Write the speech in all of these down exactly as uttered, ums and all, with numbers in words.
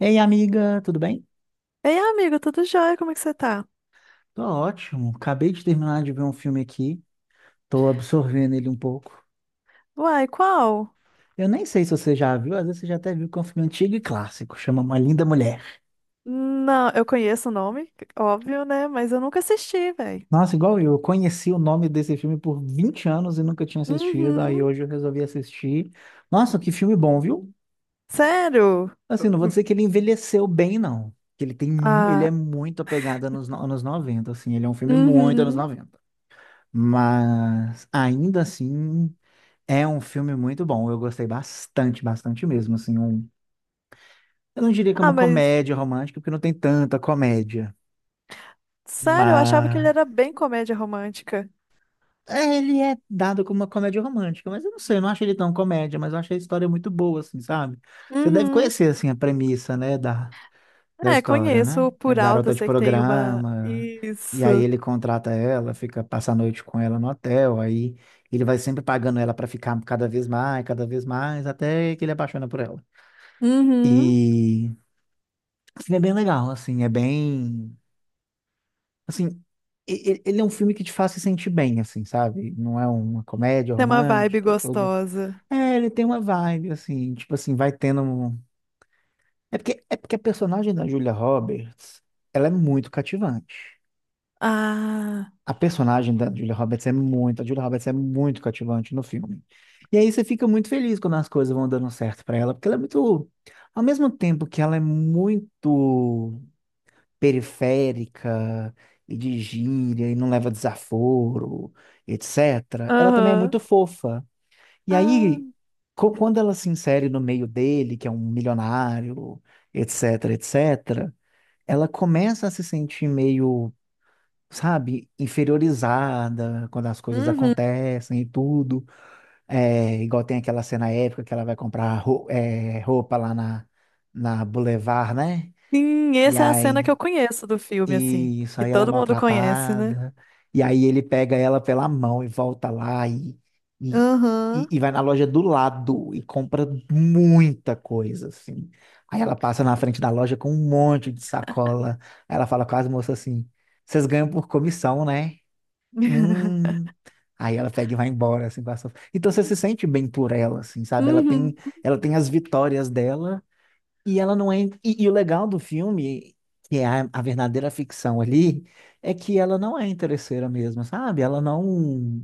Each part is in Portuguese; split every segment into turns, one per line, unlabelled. Ei, amiga, tudo bem?
Ei, amigo, tudo jóia? Como é que você tá?
Tô ótimo. Acabei de terminar de ver um filme aqui. Tô absorvendo ele um pouco.
Uai, qual?
Eu nem sei se você já viu, às vezes você já até viu que é um filme antigo e clássico, chama Uma Linda Mulher.
Não, eu conheço o nome, óbvio, né? Mas eu nunca assisti, velho.
Nossa, igual eu, eu conheci o nome desse filme por vinte anos e nunca tinha assistido, aí
Uhum.
hoje eu resolvi assistir. Nossa, que filme bom, viu?
Sério?
Assim, não vou
Hum.
dizer que ele envelheceu bem, não. Que ele tem, mu- ele é
Ah.
muito apegado nos anos no- anos noventa, assim, ele é um filme muito anos
Uhum.
noventa. Mas ainda assim. É um filme muito bom, eu gostei bastante, bastante mesmo, assim, um. Eu não diria que é
Ah,
uma
mas
comédia romântica, porque não tem tanta comédia,
sério, eu achava que ele
mas
era bem comédia romântica.
é, ele é dado como uma comédia romântica, mas eu não sei, eu não acho ele tão comédia, mas eu achei a história muito boa, assim, sabe? Você deve
Uhum.
conhecer, assim, a premissa, né, da, da
É,
história, né?
conheço
A
por alto, eu
garota de
sei que tem uma.
programa, e aí
Isso.
ele contrata ela, fica, passa a noite com ela no hotel, aí ele vai sempre pagando ela pra ficar cada vez mais, cada vez mais, até que ele apaixona por ela.
Uhum.
E assim, é bem legal, assim, é bem, assim, e- e- ele é um filme que te faz se sentir bem, assim, sabe? Não é uma comédia
Tem uma vibe
romântica, tudo.
gostosa.
É, ele tem uma vibe, assim, tipo assim, vai tendo um. É porque, é porque a personagem da Julia Roberts, ela é muito cativante.
Ah.
A personagem da Julia Roberts é muito, a Julia Roberts é muito cativante no filme. E aí você fica muito feliz quando as coisas vão dando certo pra ela, porque ela é muito, ao mesmo tempo que ela é muito periférica e de gíria e não leva desaforo, etcétera. Ela também é
Aham.
muito fofa. E
Ah.
aí, co- quando ela se insere no meio dele, que é um milionário, etc, etc, ela começa a se sentir meio, sabe, inferiorizada quando as coisas
Uhum.
acontecem e tudo. É, igual tem aquela cena épica que ela vai comprar ro- é, roupa lá na, na Boulevard, né?
Sim,
E
essa é a cena que
aí.
eu conheço do filme, assim,
Isso,
que
aí ela é
todo mundo conhece, né?
maltratada. E aí ele pega ela pela mão e volta lá e, e, e,
Aham.
e vai na loja do lado e compra muita coisa, assim. Aí ela passa na frente da loja com um monte de sacola. Aí ela fala com as moças assim: vocês ganham por comissão, né? Hum. Aí ela pega e vai embora, assim, com a sua- Então você se sente bem por ela, assim, sabe? Ela tem,
Uhum.
ela tem as vitórias dela e ela não é. E, e o legal do filme, que é a, a verdadeira ficção ali, é que ela não é interesseira mesmo, sabe? Ela não.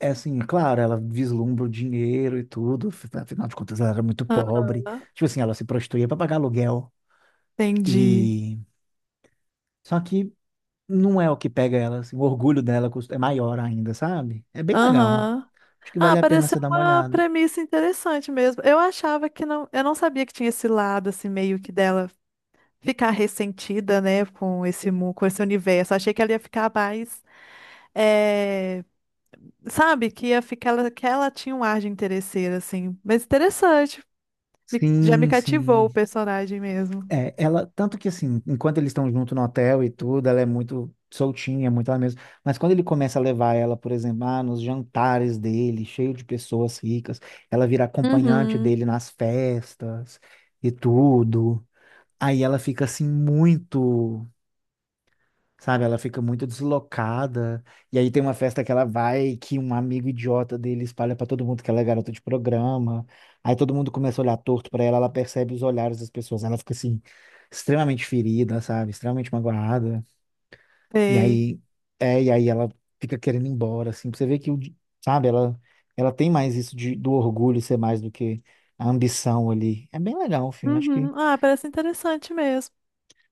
É assim, claro, ela vislumbra o dinheiro e tudo, af- afinal de contas ela era muito pobre.
Aham.
Tipo assim, ela se prostituía para pagar aluguel.
Entendi.
E. Só que não é o que pega ela, assim, o orgulho dela cust- é maior ainda, sabe? É bem legal.
Aham.
Acho que
Ah,
vale a pena
pareceu
você dar uma
uma
olhada.
premissa interessante mesmo. Eu achava que não, eu não sabia que tinha esse lado assim meio que dela ficar ressentida, né, com esse mu- com esse universo. Achei que ela ia ficar mais, eh, sabe, que ia ficar ela- que ela tinha um ar de interesseira assim. Mas interessante. Me- já me
Sim,
cativou o
sim.
personagem mesmo.
É, ela, tanto que assim, enquanto eles estão junto no hotel e tudo, ela é muito soltinha, é muito ela mesma. Mas quando ele começa a levar ela, por exemplo, ah, nos jantares dele, cheio de pessoas ricas, ela vira acompanhante
Uhum.
dele nas festas e tudo. Aí ela fica assim muito. Sabe, ela fica muito deslocada. E aí tem uma festa que ela vai, que um amigo idiota dele espalha pra todo mundo que ela é garota de programa. Aí todo mundo começa a olhar torto pra ela, ela percebe os olhares das pessoas. Ela fica assim, extremamente ferida, sabe? Extremamente magoada. E
Sei.
aí, é, e aí ela fica querendo ir embora, assim. Pra você ver que, o di- sabe, ela, ela tem mais isso de, do orgulho ser mais do que a ambição ali. É bem legal o filme, acho que
Uhum. Ah, parece interessante mesmo.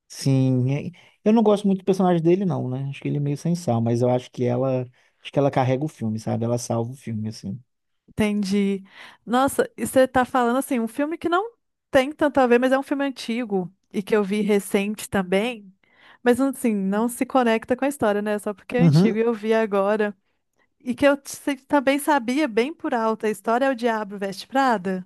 sim, é- eu não gosto muito do personagem dele, não, né? Acho que ele é meio sem sal, mas eu acho que ela, acho que ela carrega o filme, sabe? Ela salva o filme, assim.
Entendi. Nossa, e você tá falando assim, um filme que não tem tanto a ver, mas é um filme antigo e que eu vi recente também. Mas assim, não se conecta com a história, né? Só porque é
Uhum.
antigo e eu vi agora. E que eu se- também sabia bem por alto, a história é o Diabo Veste Prada.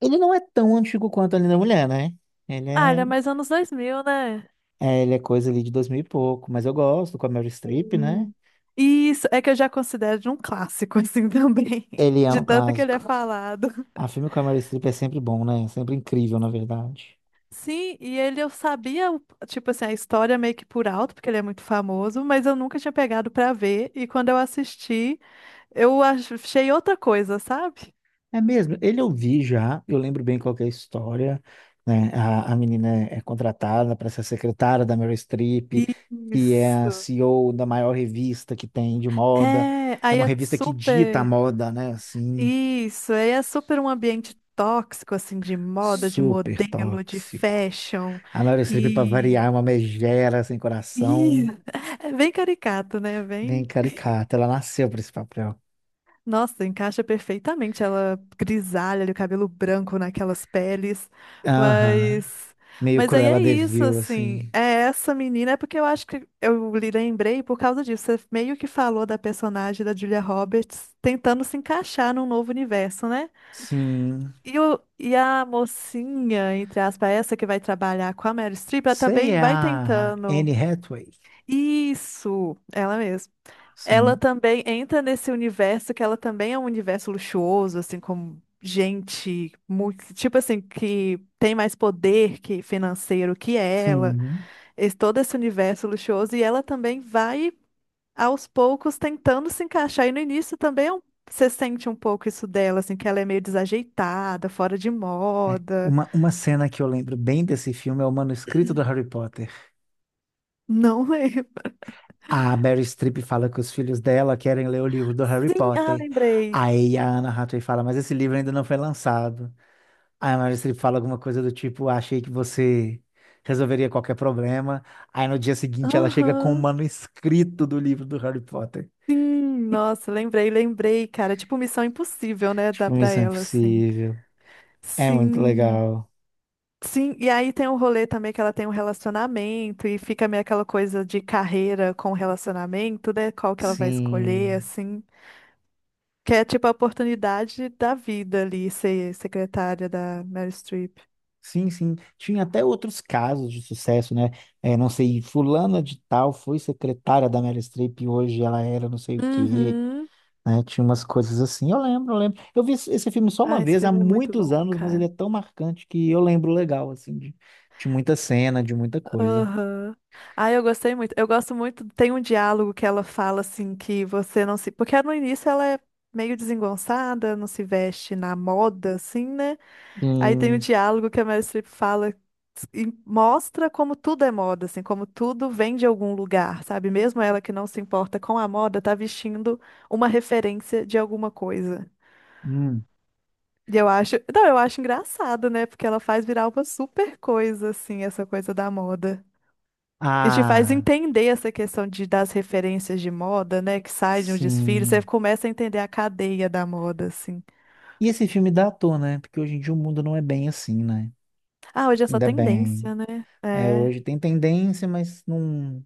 Ele não é tão antigo quanto a Linda Mulher, né? Ele
Ah,
é,
ele é mais anos dois mil, né?
é, ele é coisa ali de dois mil e pouco, mas eu gosto, com a Meryl Streep, né?
Sim. Isso, é que eu já considero de um clássico, assim, também.
Ele é
De
um
tanto que ele
clássico.
é falado.
A filme com a Meryl Streep é sempre bom, né? Sempre incrível, na verdade.
Sim, e ele eu sabia, o- tipo assim, a história meio que por alto, porque ele é muito famoso, mas eu nunca tinha pegado pra ver, e quando eu assisti, eu ach- achei outra coisa, sabe?
É mesmo, ele eu vi já, eu lembro bem qual que é a história, né? A, a menina é é contratada para ser secretária da Meryl Streep, que é a
Isso.
C E O da maior revista que tem de moda.
É,
É
aí
uma
é
revista que dita a
super.
moda, né? Assim,
Isso, aí é super um ambiente tóxico, assim, de moda, de
super
modelo, de
tóxico.
fashion,
A Meryl Streep, para
e.
variar, é uma megera sem
e-
coração,
É bem caricato, né?
bem
Bem.
caricata. Ela nasceu para esse papel.
Nossa, encaixa perfeitamente ela grisalha, o cabelo branco naquelas peles.
Aham.
Mas
Meio
mas aí
Cruella
é
de
isso,
Vil,
assim.
assim.
É essa menina, é porque eu acho que eu lhe lembrei por causa disso. Você meio que falou da personagem da Julia Roberts tentando se encaixar num novo universo, né?
Sim.
E, o, e a mocinha, entre aspas, essa que vai trabalhar com a Meryl Streep, ela
Sei,
também
é
vai
a
tentando.
Anne Hathaway.
Isso, ela mesma. Ela
Sim.
também entra nesse universo que ela também é um universo luxuoso, assim, como gente, mu- tipo assim, que tem mais poder que financeiro que ela,
Sim.
esse, todo esse universo luxuoso, e ela também vai aos poucos tentando se encaixar. E no início também é um- você sente um pouco isso dela, assim, que ela é meio desajeitada, fora de
É.
moda.
Uma, uma cena que eu lembro bem desse filme é o manuscrito do Harry Potter.
Não lembro.
A Mary Streep fala que os filhos dela querem ler o livro do Harry
Sim, ah,
Potter.
lembrei.
Aí a Anna Hathaway fala, mas esse livro ainda não foi lançado. Aí a Mary Streep fala alguma coisa do tipo, achei que você resolveria qualquer problema. Aí no dia seguinte ela chega com o
Aham.
manuscrito do livro do Harry Potter.
Sim, nossa, lembrei, lembrei, cara. É tipo Missão Impossível, né? Dá
Tipo,
pra
isso é
ela, assim.
Impossível. É muito
Sim.
legal.
Sim, e aí tem o rolê também que ela tem um relacionamento e fica meio aquela coisa de carreira com relacionamento, né? Qual que ela vai escolher,
Sim.
assim. Que é tipo a oportunidade da vida ali, ser secretária da Meryl Streep.
Sim, sim. Tinha até outros casos de sucesso, né? É, não sei, fulana de tal foi secretária da Meryl Streep e hoje ela era não sei o quê,
Uhum.
né? Tinha umas coisas assim. Eu lembro, eu lembro. Eu vi esse esse filme só uma
Ah, esse
vez, há
filme é muito
muitos
bom,
anos, mas ele
cara.
é tão marcante que eu lembro legal, assim, de, de muita cena, de muita coisa.
Aham. Ah, eu gostei muito. Eu gosto muito. Tem um diálogo que ela fala assim que você não se. Porque no início ela é meio desengonçada, não se veste na moda, assim, né? Aí tem um
Sim.
diálogo que a Meryl Streep fala e mostra como tudo é moda, assim, como tudo vem de algum lugar, sabe? Mesmo ela que não se importa com a moda, tá vestindo uma referência de alguma coisa.
Hum.
E eu acho. Não, eu acho engraçado, né? Porque ela faz virar uma super coisa, assim, essa coisa da moda. E te faz
Ah,
entender essa questão de, das referências de moda, né? Que sai de um desfile, você
sim.
começa a entender a cadeia da moda, assim.
E esse filme dá à toa, né? Porque hoje em dia o mundo não é bem assim, né?
Ah, hoje é só
Ainda bem.
tendência, né?
É,
É.
hoje tem tendência, mas não.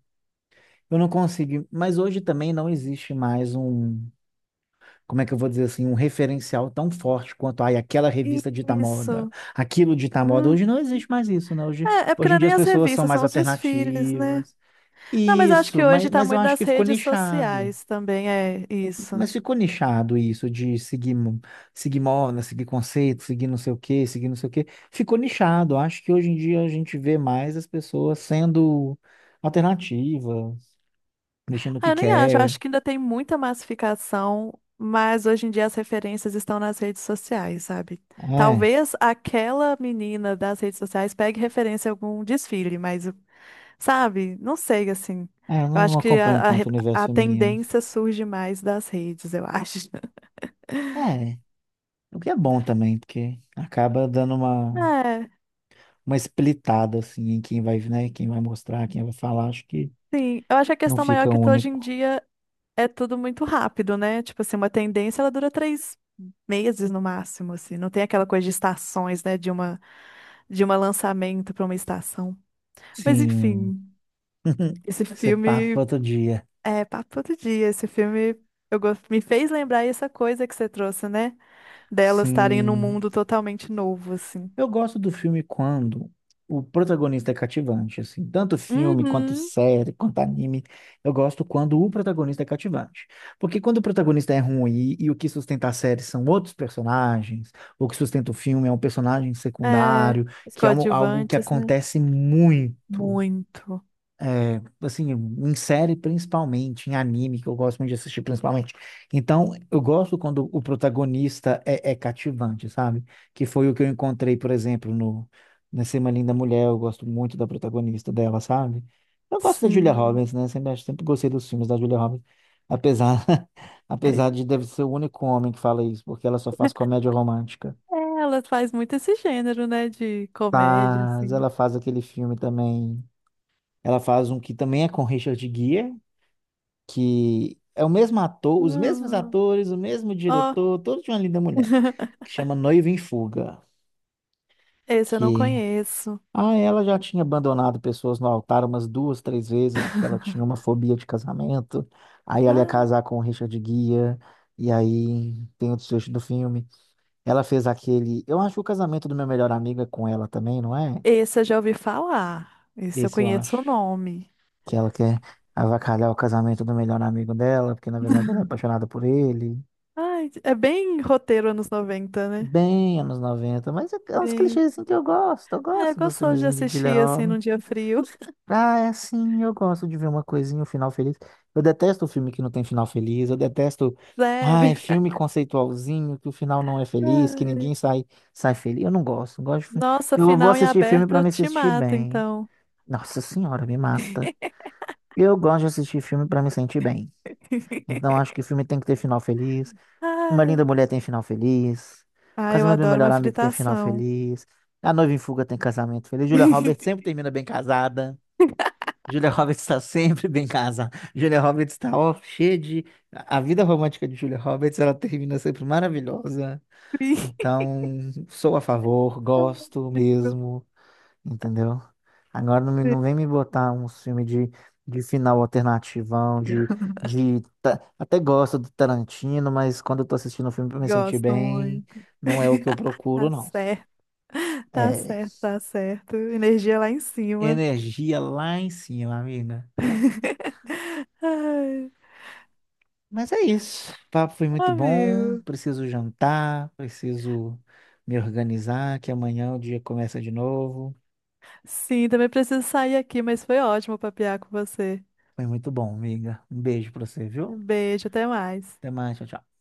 Eu não consigo, mas hoje também não existe mais um, como é que eu vou dizer assim, um referencial tão forte quanto, ai, aquela revista dita moda,
Isso.
aquilo dita moda.
Hum.
Hoje não existe mais isso, né? Hoje,
É, é porque
hoje
não
em
é
dia
nem
as
as
pessoas são
revistas,
mais
são os desfiles, né?
alternativas.
Não, mas eu acho
Isso,
que
mas,
hoje tá
mas eu
muito
acho
nas
que ficou
redes
nichado.
sociais também, é isso.
Mas ficou nichado isso de seguir, mo- seguir moda, seguir conceito, seguir não sei o quê, seguir não sei o quê. Ficou nichado. Acho que hoje em dia a gente vê mais as pessoas sendo alternativas, vestindo o
Ah,
que
Eu nem acho, eu
quer.
acho que ainda tem muita massificação, mas hoje em dia as referências estão nas redes sociais, sabe?
É.
Talvez aquela menina das redes sociais pegue referência em algum desfile, mas, sabe? Não sei, assim.
É, eu
Eu acho
não
que
acompanho
a, a,
tanto
re-
o universo
a
feminino.
tendência surge mais das redes, eu acho.
É, o que é bom também, porque acaba dando uma,
É,
uma splitada, assim, em quem vai, né, quem vai mostrar, quem vai falar, acho que
sim. Eu acho que a
não
questão maior é
fica
que hoje em
único.
dia é tudo muito rápido, né? Tipo assim, uma tendência ela dura três meses no máximo, assim. Não tem aquela coisa de estações, né? De uma de um lançamento para uma estação. Mas
Sim.
enfim, esse
Isso é papo para
filme
outro dia.
é papo todo dia. Esse filme eu gos- me fez lembrar essa coisa que você trouxe, né? Delas estarem num
Sim.
mundo totalmente novo, assim.
Eu gosto do filme quando o protagonista é cativante, assim, tanto filme quanto
Uhum.
série, quanto anime. Eu gosto quando o protagonista é cativante. Porque quando o protagonista é ruim e, e o que sustenta a série são outros personagens, o que sustenta o filme é um personagem
É,
secundário,
os
que é um- algo que
coadjuvantes, né?
acontece muito
Muito.
assim, em série principalmente, em anime, que eu gosto muito de assistir principalmente. Então, eu gosto quando o protagonista é, é cativante, sabe? Que foi o que eu encontrei, por exemplo, no nesse Uma Linda Mulher, eu gosto muito da protagonista dela, sabe? Eu gosto da Julia
Sim.
Roberts, né? Sempre, acho- sempre gostei dos filmes da Julia Roberts, apesar, apesar de deve ser o único homem que fala isso, porque ela só faz comédia romântica.
É, ela faz muito esse gênero, né? De comédia,
Mas
assim.
ela faz aquele filme também, ela faz um que também é com Richard Gere, que é o mesmo ator, os mesmos
Ah,
atores, o mesmo
Ó,
diretor, todo de uma linda mulher, que chama Noiva em Fuga,
esse eu não
que
conheço.
ah, ela já tinha abandonado pessoas no altar umas duas, três vezes, porque ela tinha uma fobia de casamento. Aí ela ia
Ah.
casar com o Richard Guia e aí tem o desfecho do filme. Ela fez aquele, eu acho que o casamento do meu melhor amigo é com ela também, não é?
Esse eu já ouvi falar. Esse eu
Esse eu
conheço
acho
o nome.
que ela quer avacalhar o casamento do melhor amigo dela, porque na verdade ela é apaixonada por ele.
Ai, é bem roteiro anos noventa, né?
Bem anos noventa, mas é é uns
Sim.
clichês assim que eu gosto, eu
Ah, eu
gosto dos
gostoso de
filmezinhos de
assistir assim
Gyllenhaal.
num dia frio.
Ah, é assim, eu gosto de ver uma coisinha, um final feliz. Eu detesto o filme que não tem final feliz, eu detesto, ah, é
Sério.
filme conceitualzinho, que o final não é feliz, que
Ai.
ninguém sai, sai feliz. Eu não gosto, eu gosto de, fi-
Nossa,
eu vou
final em
assistir filme pra
aberto
me
te
assistir
mata,
bem.
então.
Nossa senhora, me mata. Eu gosto de assistir filme pra me sentir bem. Então acho que filme tem que ter final feliz, uma
Ai.
Linda Mulher tem final feliz. O
Ah, eu
Casamento do Meu
adoro
Melhor
uma
Amigo tem final
fritação.
feliz. A Noiva em Fuga tem casamento feliz. Julia Roberts sempre termina bem casada. Julia Roberts está sempre bem casada. Julia Roberts está ó, cheia de. A vida romântica de Julia Roberts, ela termina sempre maravilhosa. Então, sou a favor, gosto mesmo, entendeu? Agora não, me-
Sim.
não vem me botar um filme de, de final alternativão. de, de. ta- Até gosto do Tarantino, mas quando eu tô assistindo o filme pra me sentir
Gosto
bem,
muito.
não é o que eu procuro,
Tá
não.
certo, tá
É
certo, tá certo. Energia lá em cima.
energia lá em cima, amiga.
Ai,
Mas é isso. O papo foi muito bom.
amigo.
Preciso jantar, preciso me organizar, que amanhã o dia começa de novo.
Sim, também preciso sair aqui, mas foi ótimo papear com você.
Foi muito bom, amiga. Um beijo pra você, viu?
Um beijo, até mais.
Até mais, tchau, tchau.